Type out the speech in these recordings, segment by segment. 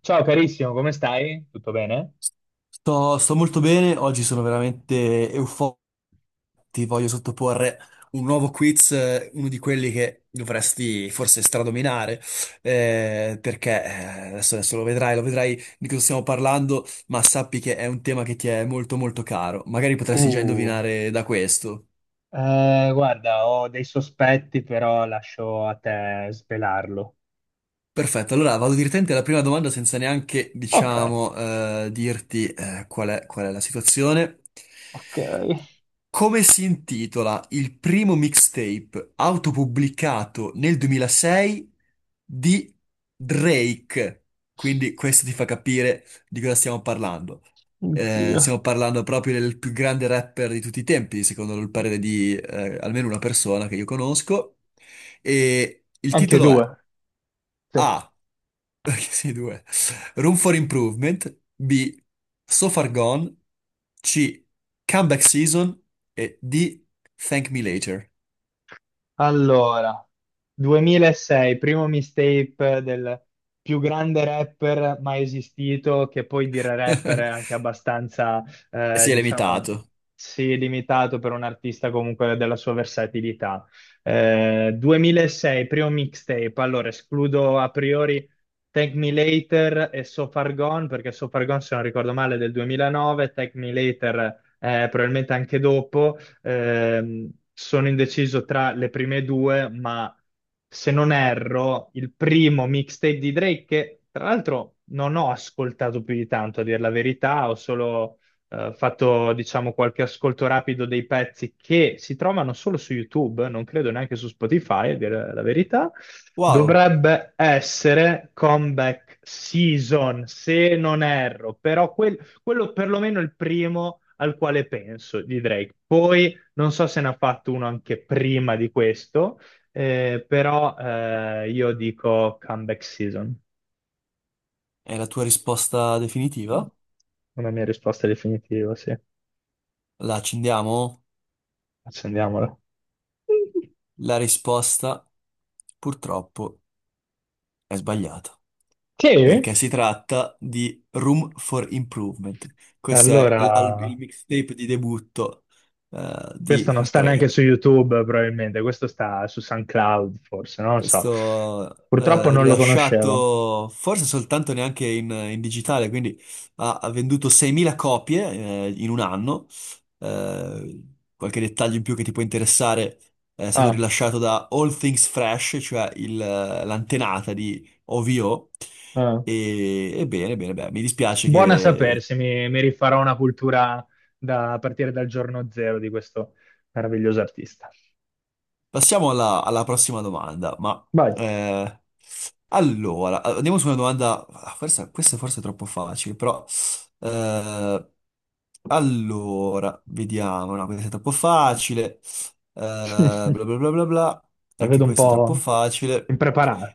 Ciao carissimo, come stai? Tutto bene? Sto molto bene, oggi sono veramente euforico. Ti voglio sottoporre un nuovo quiz, uno di quelli che dovresti forse stradominare, perché adesso, adesso lo vedrai di cosa stiamo parlando, ma sappi che è un tema che ti è molto molto caro. Magari potresti già Uh, indovinare da questo. Guarda, ho dei sospetti, però lascio a te svelarlo. Perfetto, allora vado direttamente alla prima domanda senza neanche, Ok, diciamo, dirti qual è la situazione. ok. Come si intitola il primo mixtape autopubblicato nel 2006 di Drake? Quindi questo ti fa capire di cosa stiamo parlando. Oddio. Stiamo parlando proprio del più grande rapper di tutti i tempi, secondo il parere di almeno una persona che io conosco. E il Anche titolo è due. Sì. a. Sì, due. Room for Improvement. B. So Far Gone. C. Comeback Season. E D. Thank Me Later. Allora, 2006, primo mixtape del più grande rapper mai esistito, che poi dire rapper è anche abbastanza, Si è diciamo, limitato. sì, limitato per un artista comunque della sua versatilità. 2006, primo mixtape, allora escludo a priori Thank Me Later e So Far Gone, perché So Far Gone, se non ricordo male, è del 2009. Thank Me Later, probabilmente anche dopo. Sono indeciso tra le prime due, ma se non erro, il primo mixtape di Drake, che tra l'altro non ho ascoltato più di tanto, a dire la verità, ho solo fatto, diciamo, qualche ascolto rapido dei pezzi che si trovano solo su YouTube, non credo neanche su Spotify, a dire la verità. Wow, Dovrebbe essere Comeback Season, se non erro, però quello perlomeno è il primo al quale penso di Drake. Poi non so se ne ha fatto uno anche prima di questo, però io dico comeback season. è la tua risposta definitiva? Una mia risposta definitiva, sì. La accendiamo? Accendiamola. La risposta purtroppo è sbagliata, Sì? perché si tratta di Room for Improvement. Questo è Allora, il mixtape di debutto di questo non sta neanche su Drake. YouTube, probabilmente, questo sta su SoundCloud, forse, non lo so. Questo Purtroppo non lo conoscevo. rilasciato forse soltanto neanche in, in digitale, quindi ha venduto 6.000 copie in un anno. Eh, qualche dettaglio in più che ti può interessare è stato Ah, rilasciato da All Things Fresh, cioè l'antenata di OVO. ah. E bene, bene, beh, mi dispiace. Buona sapersi, mi rifarò una cultura da, a partire dal giorno zero di questo meraviglioso artista. Passiamo alla, alla prossima domanda, ma Vai. eh, allora, andiamo su una domanda, ah, questa forse è forse troppo facile, però eh, allora, vediamo, no, questa è troppo facile, bla bla bla bla bla, La anche vedo un questa è troppo po' facile.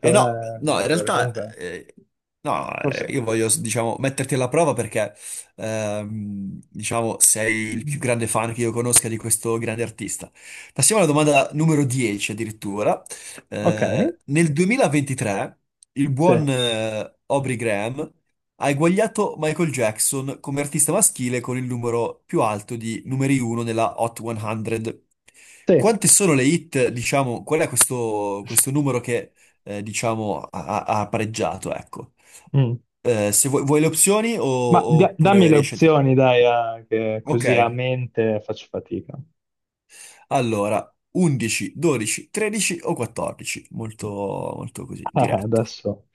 Eh no, eh. no, in Amadore, realtà, comunque, no, forse... io voglio, diciamo, metterti alla prova perché, diciamo, sei il più grande fan che io conosca di questo grande artista. Passiamo alla domanda numero 10 addirittura. Ok, Nel 2023 il sì, buon Aubrey Graham ha eguagliato Michael Jackson come artista maschile con il numero più alto di numeri 1 nella Hot 100. sì. Quante sono le hit, diciamo, qual è questo, questo numero che, diciamo, ha pareggiato, ecco. Mm. Se vuoi, vuoi le opzioni Ma dammi oppure le riesci a... opzioni, dai, che così a Ok. mente faccio fatica. Allora, 11, 12, 13 o 14? Molto, molto così, Ah, diretto. adesso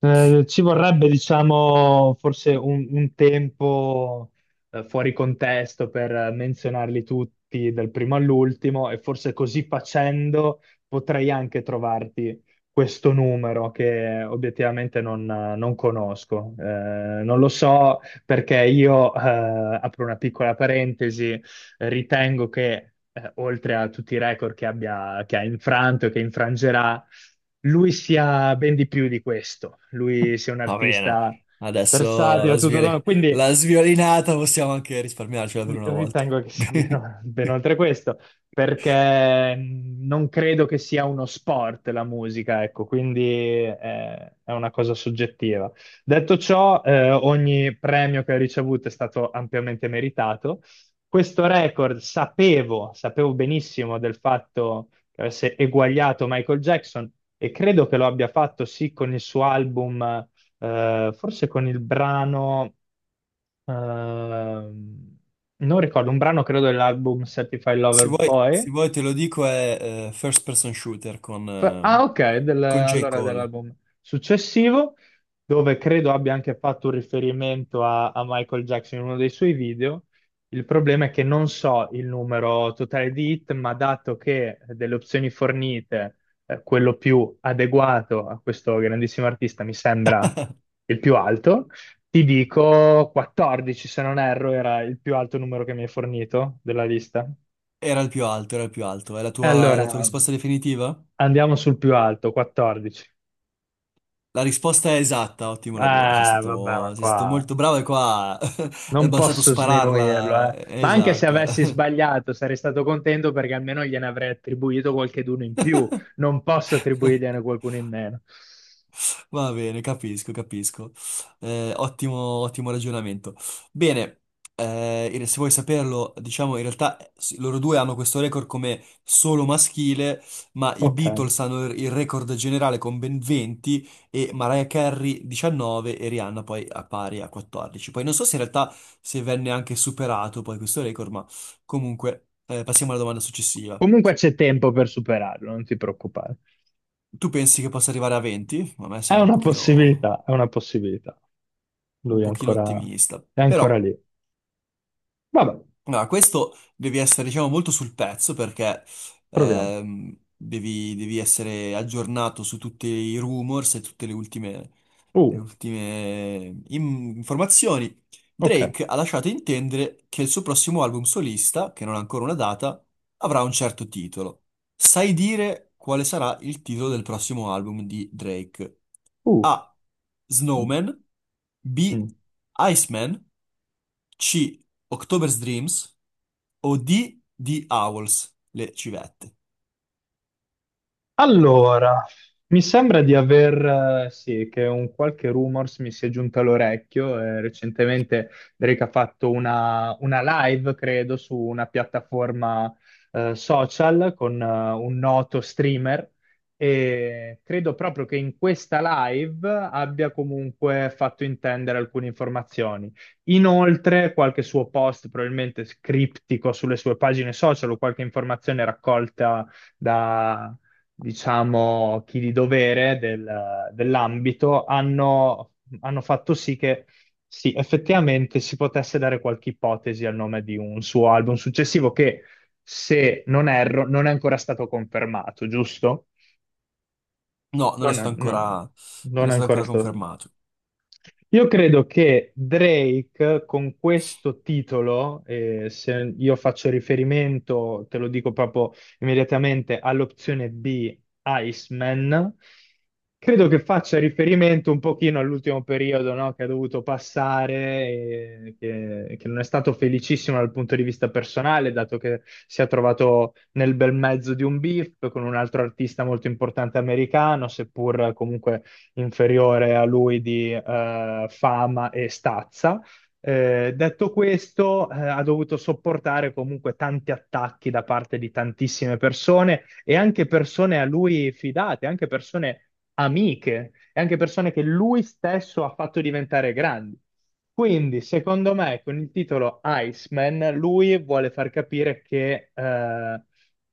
ci vorrebbe, diciamo, forse un tempo fuori contesto per menzionarli tutti dal primo all'ultimo, e forse così facendo potrei anche trovarti questo numero che obiettivamente non conosco. Non lo so perché io, apro una piccola parentesi, ritengo che oltre a tutti i record che abbia, che ha infranto e che infrangerà, lui sia ben di più di questo. Lui sia un Va bene. artista Adesso la versatile, tutto, quindi la sviolinata possiamo anche risparmiarcela per una volta. ritengo che sia ben oltre questo, perché non credo che sia uno sport la musica, ecco, quindi eh, è una cosa soggettiva. Detto ciò, ogni premio che ho ricevuto è stato ampiamente meritato. Questo record sapevo benissimo del fatto che avesse eguagliato Michael Jackson, e credo che lo abbia fatto sì con il suo album, forse con il brano. Ehm, Non ricordo, un brano credo dell'album Certified Se Lover vuoi, Boy. se vuoi te lo dico, è First Person Shooter Ah, ok, con J. allora Cole. dell'album successivo, dove credo abbia anche fatto un riferimento a Michael Jackson in uno dei suoi video. Il problema è che non so il numero totale di hit, ma dato che delle opzioni fornite, quello più adeguato a questo grandissimo artista mi sembra il più alto, ti dico 14, se non erro, era il più alto numero che mi hai fornito della lista. Era il più alto, era il più alto. E È allora la tua risposta definitiva? andiamo sul più alto, 14. La risposta è esatta, ottimo lavoro, Eh, Vabbè, ma sei stato qua molto bravo e qua è non bastato posso sminuirlo, spararla. eh. Ma anche se Esatta. avessi sbagliato, sarei stato contento perché almeno gliene avrei attribuito qualcheduno in più. Non posso attribuirgliene qualcuno in meno. Va bene, capisco, capisco. Ottimo, ottimo ragionamento. Bene, se vuoi saperlo, diciamo in realtà sì, loro due hanno questo record come solo maschile, ma i Ok. Beatles hanno il record generale con ben 20 e Mariah Carey 19 e Rihanna poi a pari a 14. Poi non so se in realtà se venne anche superato poi questo record, ma comunque passiamo alla domanda successiva. Comunque c'è tempo per superarlo, non ti preoccupare. Tu pensi che possa arrivare a 20? A me È sembra una possibilità, è una possibilità. un Lui è pochino ancora, ottimista. è ancora Però, lì. Vabbè, no, questo devi essere, diciamo, molto sul pezzo perché proviamo. Devi, devi essere aggiornato su tutti i rumors e tutte le Uh, ultime informazioni. ok. Drake ha lasciato intendere che il suo prossimo album solista, che non ha ancora una data, avrà un certo titolo. Sai dire quale sarà il titolo del prossimo album di Drake? Uh, A. mm, Snowman, B. mm. Iceman, C. October's Dreams o D. The Owls, le civette. Allora, mi sembra di aver, sì, che un qualche rumors mi sia giunto all'orecchio. Recentemente Drake ha fatto una live, credo, su una piattaforma, social con un noto streamer, e credo proprio che in questa live abbia comunque fatto intendere alcune informazioni. Inoltre, qualche suo post, probabilmente criptico, sulle sue pagine social, o qualche informazione raccolta da, diciamo, chi di dovere dell'ambito, hanno fatto sì che sì, effettivamente si potesse dare qualche ipotesi al nome di un suo album successivo che, se non erro, non è ancora stato confermato, giusto? No, non è Non è, stato ancora, non- non non è è stato ancora ancora stato. confermato. Io credo che Drake con questo titolo, se io faccio riferimento, te lo dico proprio immediatamente, all'opzione B, Iceman, credo che faccia riferimento un pochino all'ultimo periodo, no, che ha dovuto passare, e che non è stato felicissimo dal punto di vista personale, dato che si è trovato nel bel mezzo di un beef con un altro artista molto importante americano, seppur comunque inferiore a lui di fama e stazza. Detto questo, ha dovuto sopportare comunque tanti attacchi da parte di tantissime persone, e anche persone a lui fidate, anche persone amiche e anche persone che lui stesso ha fatto diventare grandi. Quindi, secondo me, con il titolo Iceman, lui vuole far capire che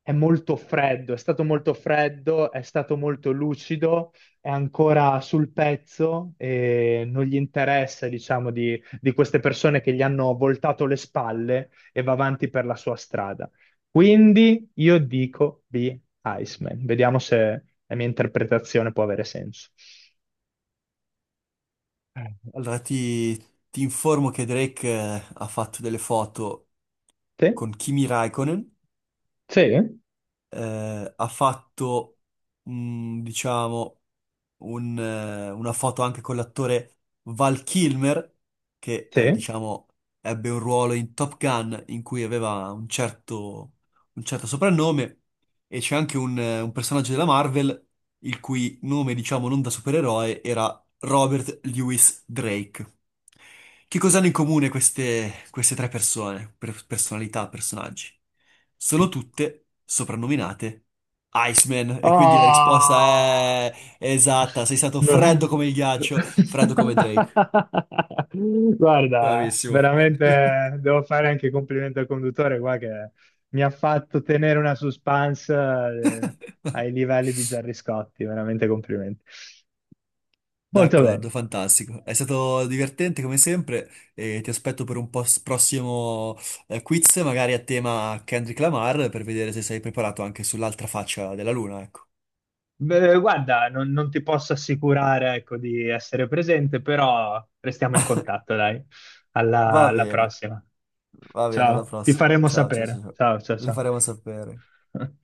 è molto freddo, è stato molto freddo, è stato molto lucido, è ancora sul pezzo e non gli interessa, diciamo, di queste persone che gli hanno voltato le spalle, e va avanti per la sua strada. Quindi io dico B. Iceman. Vediamo se la mia interpretazione può avere senso. Allora ti informo che Drake ha fatto delle foto Sì? con Kimi Raikkonen, Sì? Ha fatto, mm, diciamo, un, una foto anche con l'attore Val Kilmer, che Sì? diciamo ebbe un ruolo in Top Gun in cui aveva un certo soprannome, e c'è anche un personaggio della Marvel il cui nome, diciamo, non da supereroe era Robert Louis Drake. Che cosa hanno in comune queste, queste tre persone, personalità, personaggi? Sono tutte soprannominate Iceman, e quindi la risposta Ah! è esatta, sei stato No. freddo come il ghiaccio, freddo come Drake. Guarda, Bravissimo. veramente devo fare anche i complimenti al conduttore qua che mi ha fatto tenere una suspense ai livelli di Gerry Scotti, veramente complimenti. Molto bene. D'accordo, fantastico. È stato divertente come sempre e ti aspetto per un prossimo quiz, magari a tema Kendrick Lamar, per vedere se sei preparato anche sull'altra faccia della luna, ecco. Beh, guarda, non ti posso assicurare, ecco, di essere presente, però restiamo in contatto, dai. Alla Va alla bene, prossima. va bene, alla Ciao, ti prossima. faremo Ciao, ciao, ciao. sapere. Ciao. Ciao, ciao, Le ciao. faremo sapere.